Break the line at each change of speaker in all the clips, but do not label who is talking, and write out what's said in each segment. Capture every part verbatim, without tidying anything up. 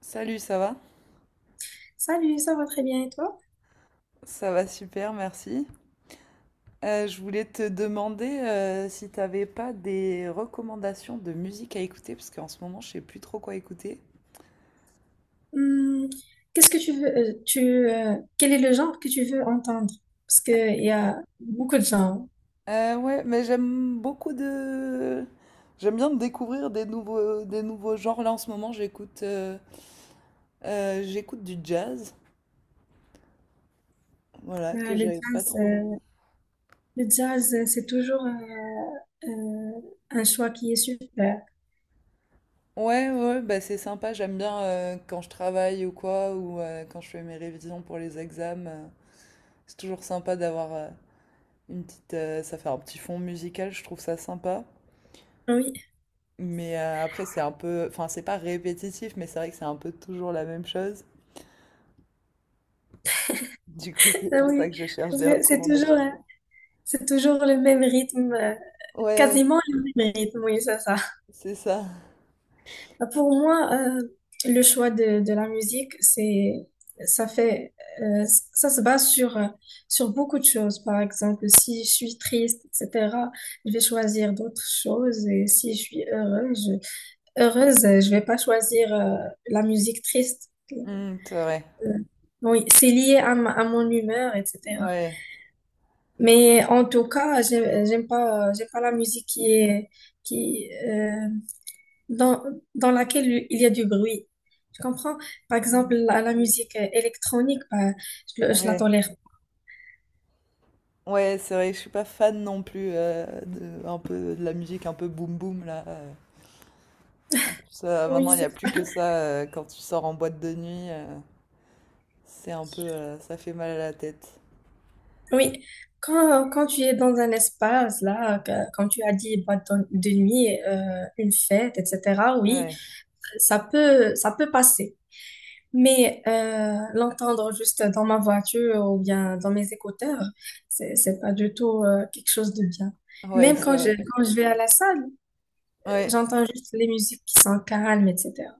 Salut, ça va?
Salut, ça va très bien et toi?
Ça va super, merci. Euh, je voulais te demander euh, si tu n'avais pas des recommandations de musique à écouter, parce qu'en ce moment, je sais plus trop quoi écouter.
Hum, Qu'est-ce que tu veux, euh, tu, euh, quel est le genre que tu veux entendre? Parce qu'il y a beaucoup de genres.
Euh, ouais, mais j'aime beaucoup de... J'aime bien découvrir des nouveaux, des nouveaux genres. Là, en ce moment, j'écoute euh, euh, j'écoute du jazz, voilà,
Bah,
que
le
j'avais pas
jazz,
trop...
euh, le jazz, euh, c'est toujours euh, euh, un choix qui est super.
Ouais, ouais, bah c'est sympa, j'aime bien euh, quand je travaille ou quoi, ou euh, quand je fais mes révisions pour les examens. Euh, c'est toujours sympa d'avoir... euh, Une petite, euh, ça fait un petit fond musical, je trouve ça sympa.
Oui,
Mais euh, après, c'est un peu, enfin, c'est pas répétitif, mais c'est vrai que c'est un peu toujours la même chose. Du coup, c'est
ah
pour ça
oui,
que je cherche
parce
des
que c'est toujours,
recommandations.
euh, c'est toujours le même rythme, euh,
Ouais,
quasiment le même rythme, oui, c'est ça.
c'est ça.
Bah, Pour moi, euh, le choix de, de la musique, c'est, ça fait, euh, ça se base sur, euh, sur beaucoup de choses. Par exemple, si je suis triste, et cetera, je vais choisir d'autres choses. Et si je suis heureuse, je, heureuse, euh, je vais pas choisir, euh, la musique triste.
Mm, c'est vrai.
Euh, oui, c'est lié à, ma- à mon humeur, et cetera.
Ouais.
Mais en tout cas, j'aime, j'aime pas, j'aime pas la musique qui est, qui, euh, dans, dans laquelle il y a du bruit. Tu comprends? Par
Mm.
exemple, la, la musique euh, électronique, bah, je, le- je la
Ouais.
tolère.
Ouais, c'est vrai, je suis pas fan non plus euh, de, un peu, de la musique un peu boom boom là. euh. En plus, euh,
Oui,
maintenant, il n'y a
c'est-
plus que ça euh, quand tu sors en boîte de nuit. euh, c'est un peu, euh, ça fait mal à la tête.
oui. Quand, quand tu es dans un espace, là, que- comme tu as dit, boîte de de nuit, euh, une fête, et cetera, oui,
Ouais,
ça peut, ça peut passer. Mais euh, l'entendre juste dans ma voiture ou bien dans mes écouteurs, c'est, c'est pas du tout euh, quelque chose de bien.
ouais,
Même
c'est
quand je,
vrai.
quand je vais à la salle,
Ouais.
j'entends juste les musiques qui sont calmes, et cetera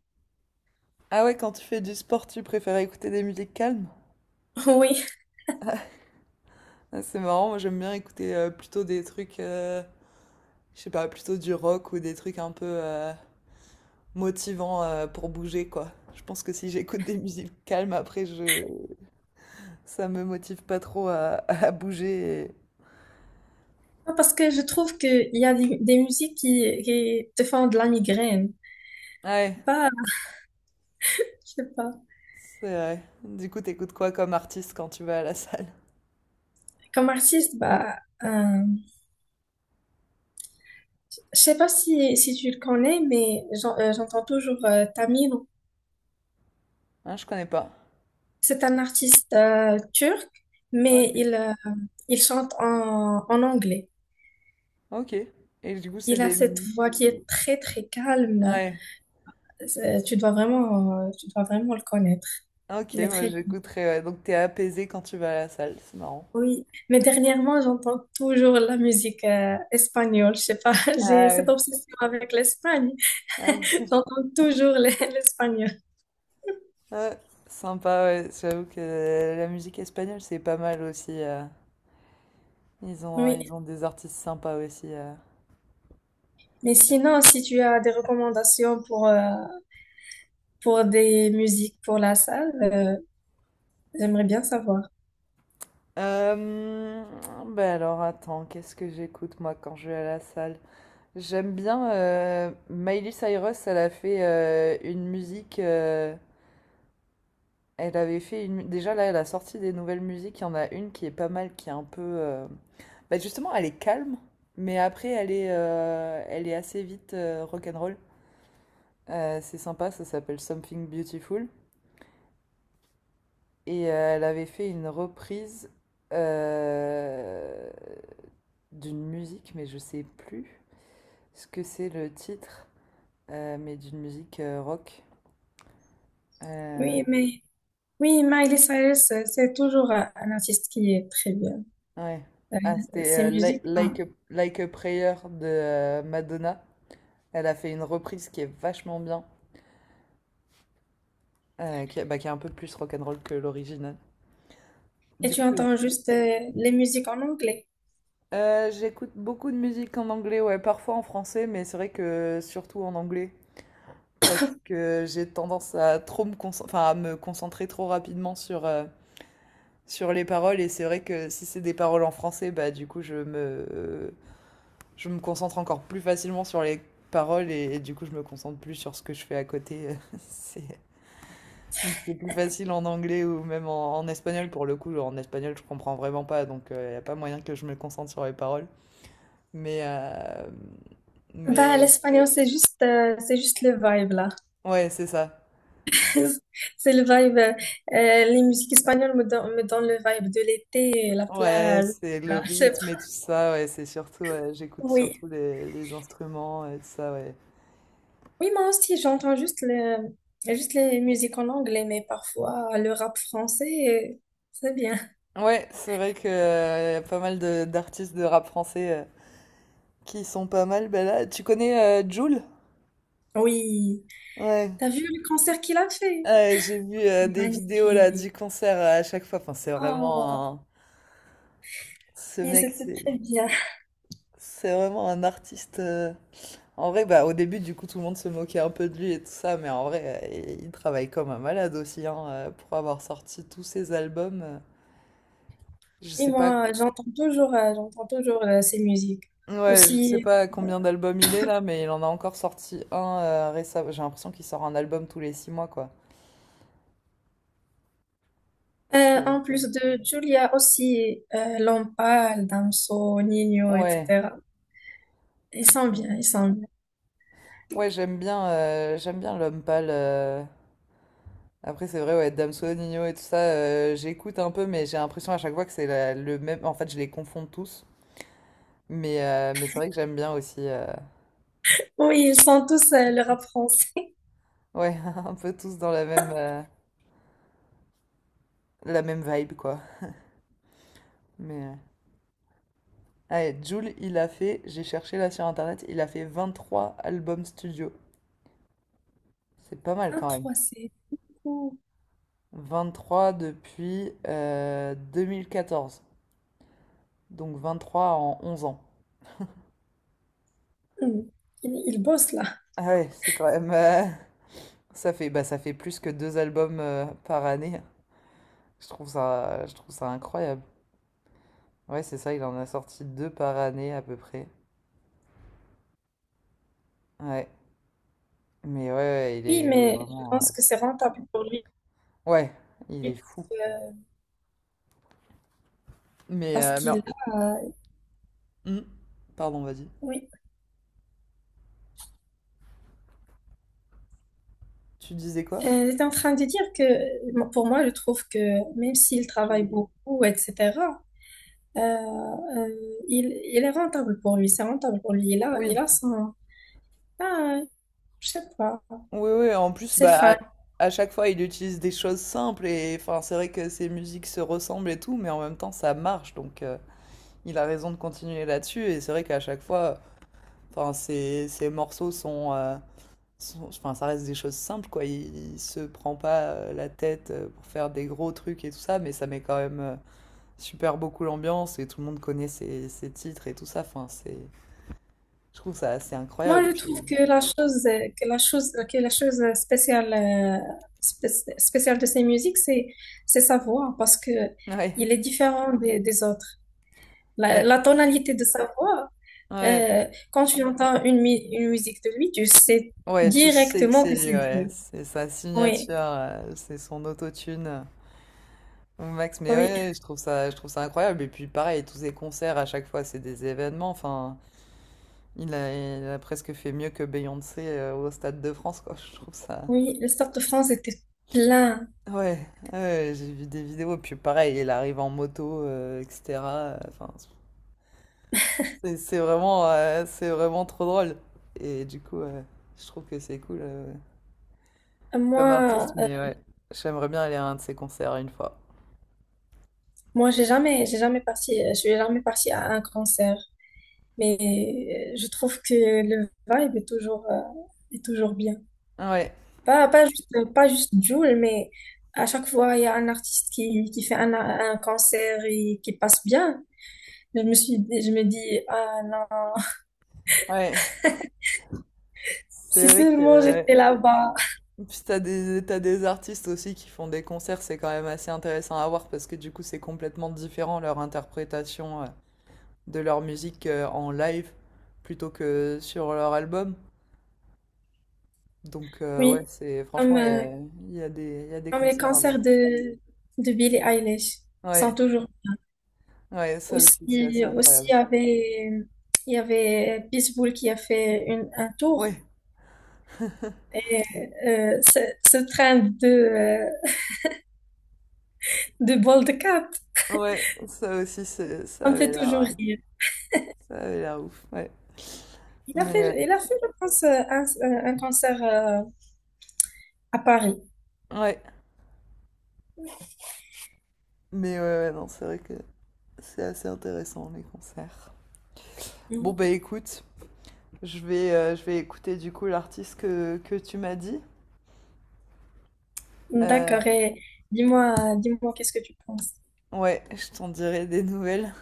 Ah ouais, quand tu fais du sport, tu préfères écouter des musiques calmes?
Oui,
Ah, c'est marrant, moi j'aime bien écouter euh, plutôt des trucs, euh, je sais pas, plutôt du rock ou des trucs un peu euh, motivants euh, pour bouger, quoi. Je pense que si j'écoute des musiques calmes, après, je... ça me motive pas trop à, à bouger. et-
Non, parce que je trouve qu'il y a des, des musiques qui, qui te font de la migraine.
Ouais,
Bah, je sais pas.
c'est vrai. Du coup, t'écoutes quoi comme artiste quand tu vas à la salle?
Comme artiste, bah, euh, je sais pas si, si tu le connais, mais j'en- euh, j'entends toujours euh, Tamir.
Hein, je connais pas.
C'est un artiste euh, turc, mais il,
Ok.
euh, il chante en, en anglais.
Ok. Et du coup, c'est
Il a
des...
cette voix qui est très, très calme.
Ouais.
C'est- Tu dois vraiment, euh, tu dois vraiment le connaître.
Ok,
Il est
moi
très
j'écouterai. Ouais. Donc t'es apaisé quand tu vas à la salle, c'est marrant.
Oui, mais dernièrement, j'entends toujours la musique euh, espagnole. Je sais pas, j'ai
Ah oui.
cette obsession avec l'Espagne.
Ouais.
J'entends toujours les- l'espagnol.
Ouais, sympa, ouais. J'avoue que la musique espagnole, c'est pas mal aussi. euh. Ils ont, euh, ils
Oui,
ont des artistes sympas aussi. euh.
mais sinon, si tu as des recommandations pour, euh, pour des musiques pour la salle, euh, j'aimerais bien savoir.
Euh, Bah alors, attends, qu'est-ce que j'écoute moi quand je vais à la salle? J'aime bien euh, Miley Cyrus, elle a fait euh, une musique. euh, elle avait fait une. Déjà là, elle a sorti des nouvelles musiques. Il y en a une qui est pas mal, qui est un peu. euh, Bah justement, elle est calme, mais après, elle est, euh, elle est assez vite rock rock'n'roll. Euh, c'est sympa, ça s'appelle Something Beautiful. Et euh, elle avait fait une reprise euh, d'une musique, mais je sais plus ce que c'est le titre, euh, mais d'une musique euh, rock. Euh,
Oui, mais oui, Miley Cyrus, euh, c'est toujours un un artiste qui est très bien.
ouais. Ah,
Euh, Ses
c'était euh, Li-
musiques. hein.
like, a, Like a Prayer de euh, Madonna. Elle a fait une reprise qui est vachement bien, euh, qui, est bah, qui est un peu plus rock'n'roll que l'original.
Et
Du
tu
coup,
entends juste euh, les musiques en anglais.
Euh, j'écoute beaucoup de musique en anglais, ouais, parfois en français, mais c'est vrai que surtout en anglais, parce que j'ai tendance à trop me concentrer, enfin, à me concentrer trop rapidement sur, euh, sur les paroles, et c'est vrai que si c'est des paroles en français, bah du coup je me, je me concentre encore plus facilement sur les paroles, et, et du coup je me concentre plus sur ce que je fais à côté. C'est donc c'est plus facile en anglais ou même en, en espagnol, pour le coup, en espagnol je comprends vraiment pas, donc il n'y a pas moyen que je me concentre sur les paroles. Mais, euh, mais
Bah,
ouais,
l'espagnol, c'est juste, euh, c'est juste le vibe là.
ouais, c'est ça.
C'est le vibe. euh, les musiques espagnoles me donnent, me donnent le vibe de l'été, la
Ouais,
plage.
c'est le
Ah, c'est-
rythme et tout ça. Ouais, c'est surtout, ouais, j'écoute
Oui.
surtout les, les instruments et tout ça. Ouais,
Oui, moi aussi, j'entends juste, le, juste les musiques en anglais, mais parfois le rap français, euh, c'est bien.
ouais, c'est vrai que euh, y a pas mal de d'artistes de rap français euh, qui sont pas mal. Ben là, tu connais euh, Jul?
Oui.
Ouais.
T'as vu le concert qu'il a fait?
Ouais, j'ai vu euh,
C'était
des vidéos là
magnifique.
du concert euh, à chaque fois. Enfin, c'est
Oh,
vraiment un... ce
oui,
mec,
c'était
c'est
très bien.
c'est vraiment un artiste. euh, En vrai, bah, au début, du coup, tout le monde se moquait un peu de lui et tout ça, mais en vrai, euh, il travaille comme un malade aussi, hein, euh, pour avoir sorti tous ses albums. euh, Je
Oui,
sais pas,
moi, j'entends toujours, euh, j'entends toujours euh, ces musiques.
ouais, je sais
Aussi.
pas combien d'albums il est là, mais il en a encore sorti un euh, récemment. J'ai l'impression qu'il sort un album tous les six mois, quoi.
Euh,
C'est
en plus de Julia aussi, euh, Lampal, Damso, Nino,
Ouais,
et cetera. Ils sont bien, ils sont bien.
ouais, j'aime bien, euh, j'aime bien l'homme pâle. euh. Après, c'est vrai, ouais, Damso, Nino et tout ça, euh, j'écoute un peu, mais j'ai l'impression à chaque fois que c'est la- le même. En fait, je les confonds tous, mais, euh, mais c'est vrai que j'aime bien aussi. euh,
Oui, ils sont tous euh, le rap français.
Ouais, un peu tous dans la même, euh, la même vibe, quoi. Mais, euh, allez, Jul, il a fait, j'ai cherché là sur internet, il a fait vingt trois albums studio. C'est pas mal
Un
quand même.
trois, c'est cool.
Vingt trois depuis euh, deux mille quatorze. Donc vingt trois en onze ans.
Hmm. Il, il bosse là.
Ah ouais, c'est quand même... euh, ça fait, bah, ça fait plus que deux albums euh, par année. Je trouve ça, je trouve ça incroyable. Ouais, c'est ça, il en a sorti deux par année à peu près. Ouais. Mais ouais, ouais, il
Oui,
est, il est
mais je
vraiment... euh,
pense que c'est rentable pour lui
ouais. Il est fou.
euh,
Mais,
parce
euh, mais
qu'il a...
Hmm. Pardon, vas-y.
Oui.
Tu disais quoi?
Euh, j'étais en train de dire que moi, pour moi, je trouve que même s'il travaille beaucoup, et cetera, euh, euh, il, il est rentable pour lui, c'est rentable pour lui. Il a,
Oui,
il a son... Ah, je sais pas.
oui, oui. En plus,
C'est
bah,
fun.
à, à chaque fois, il utilise des choses simples et enfin, c'est vrai que ses musiques se ressemblent et tout, mais en même temps, ça marche. Donc, euh, il a raison de continuer là-dessus. Et c'est vrai qu'à chaque fois, enfin, ses, ses morceaux sont, euh, sont- enfin, ça reste des choses simples, quoi. Il, il se prend pas euh, la tête euh, pour faire des gros trucs et tout ça, mais ça met quand même euh, super beaucoup l'ambiance et tout le monde connaît ses, ses titres et tout ça. Enfin, c'est Je trouve ça assez
Moi,
incroyable,
je
puis
trouve que la chose, euh, que la chose, que la chose spéciale, euh, spé- spéciale de ces musiques, c'est, c'est sa voix, parce que
ouais,
il est différent des, des autres. La,
ouais,
la tonalité de sa voix,
ouais.
euh, quand tu entends une, mi- une musique de lui, tu sais
Ouais, tu sais que
directement
c'est
que
lui,
c'est
ouais.
Jul.
C'est sa
Oui,
signature, euh, c'est son autotune euh, au max. Mais
oui,
ouais, je trouve ça, je trouve ça incroyable. Et puis pareil, tous ses concerts, à chaque fois, c'est des événements. Enfin, il a, il a presque fait mieux que Beyoncé euh, au Stade de France, quoi. Je trouve ça...
oui. Le Stade de France était plein.
Ouais, ouais, j'ai vu des vidéos. Puis pareil, il arrive en moto, euh, et cetera. Enfin, c'est c'est vraiment, euh, c'est vraiment trop drôle. Et du coup, euh, je trouve que c'est cool. euh, comme artiste,
Moi, euh,
mais ouais, j'aimerais bien aller à un de ses concerts une fois.
moi, j'ai jamais, j'ai jamais parti, je suis jamais partie à un concert. Mais euh, je trouve que le vibe est toujours, euh, est toujours bien.
Ouais,
Pas, pas juste, pas juste Jul, mais à chaque fois, il y a un artiste qui, qui fait un, un concert et qui passe bien. Je me suis, dit- je me dis, ah non,
ouais.
si
C'est vrai que
seulement
ouais.
j'étais là-bas.
Puis t'as des, t'as des artistes aussi qui font des concerts, c'est quand même assez intéressant à voir parce que du coup c'est complètement différent leur interprétation euh, de leur musique euh, en live plutôt que sur leur album. Donc euh,
Oui,
ouais, c'est
comme,
franchement il y
euh,
a, il y a des, il y a des
comme les
concerts à voir.
concerts de, de Billie Eilish sont
Ouais,
toujours
ouais, ça aussi c'est assez
aussi, aussi il
incroyable.
y avait, il y avait Pitbull qui a fait une, un tour.
Ouais,
Et euh, ce, ce train de, euh, de Ball Cat,
ouais, ça aussi c'est, ça
on me fait
avait l'air.
toujours
euh,
rire.
Ça avait l'air ouf, ouais.
Il a
Mais
fait,
euh,
il a fait, je pense, euh, un, euh, un concert euh, à Paris.
ouais, mais ouais, ouais, non, c'est vrai que c'est assez intéressant les concerts. Bon bah
Mhm.
écoute, je vais, euh, je vais écouter du coup l'artiste que, que tu m'as dit. Euh,
D'accord. Et dis-moi, dis-moi, qu'est-ce que tu penses?
ouais, je t'en dirai des nouvelles.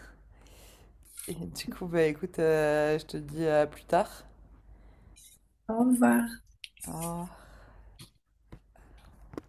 Et du coup bah écoute, euh, je te dis à plus tard.
Au revoir.
Au revoir.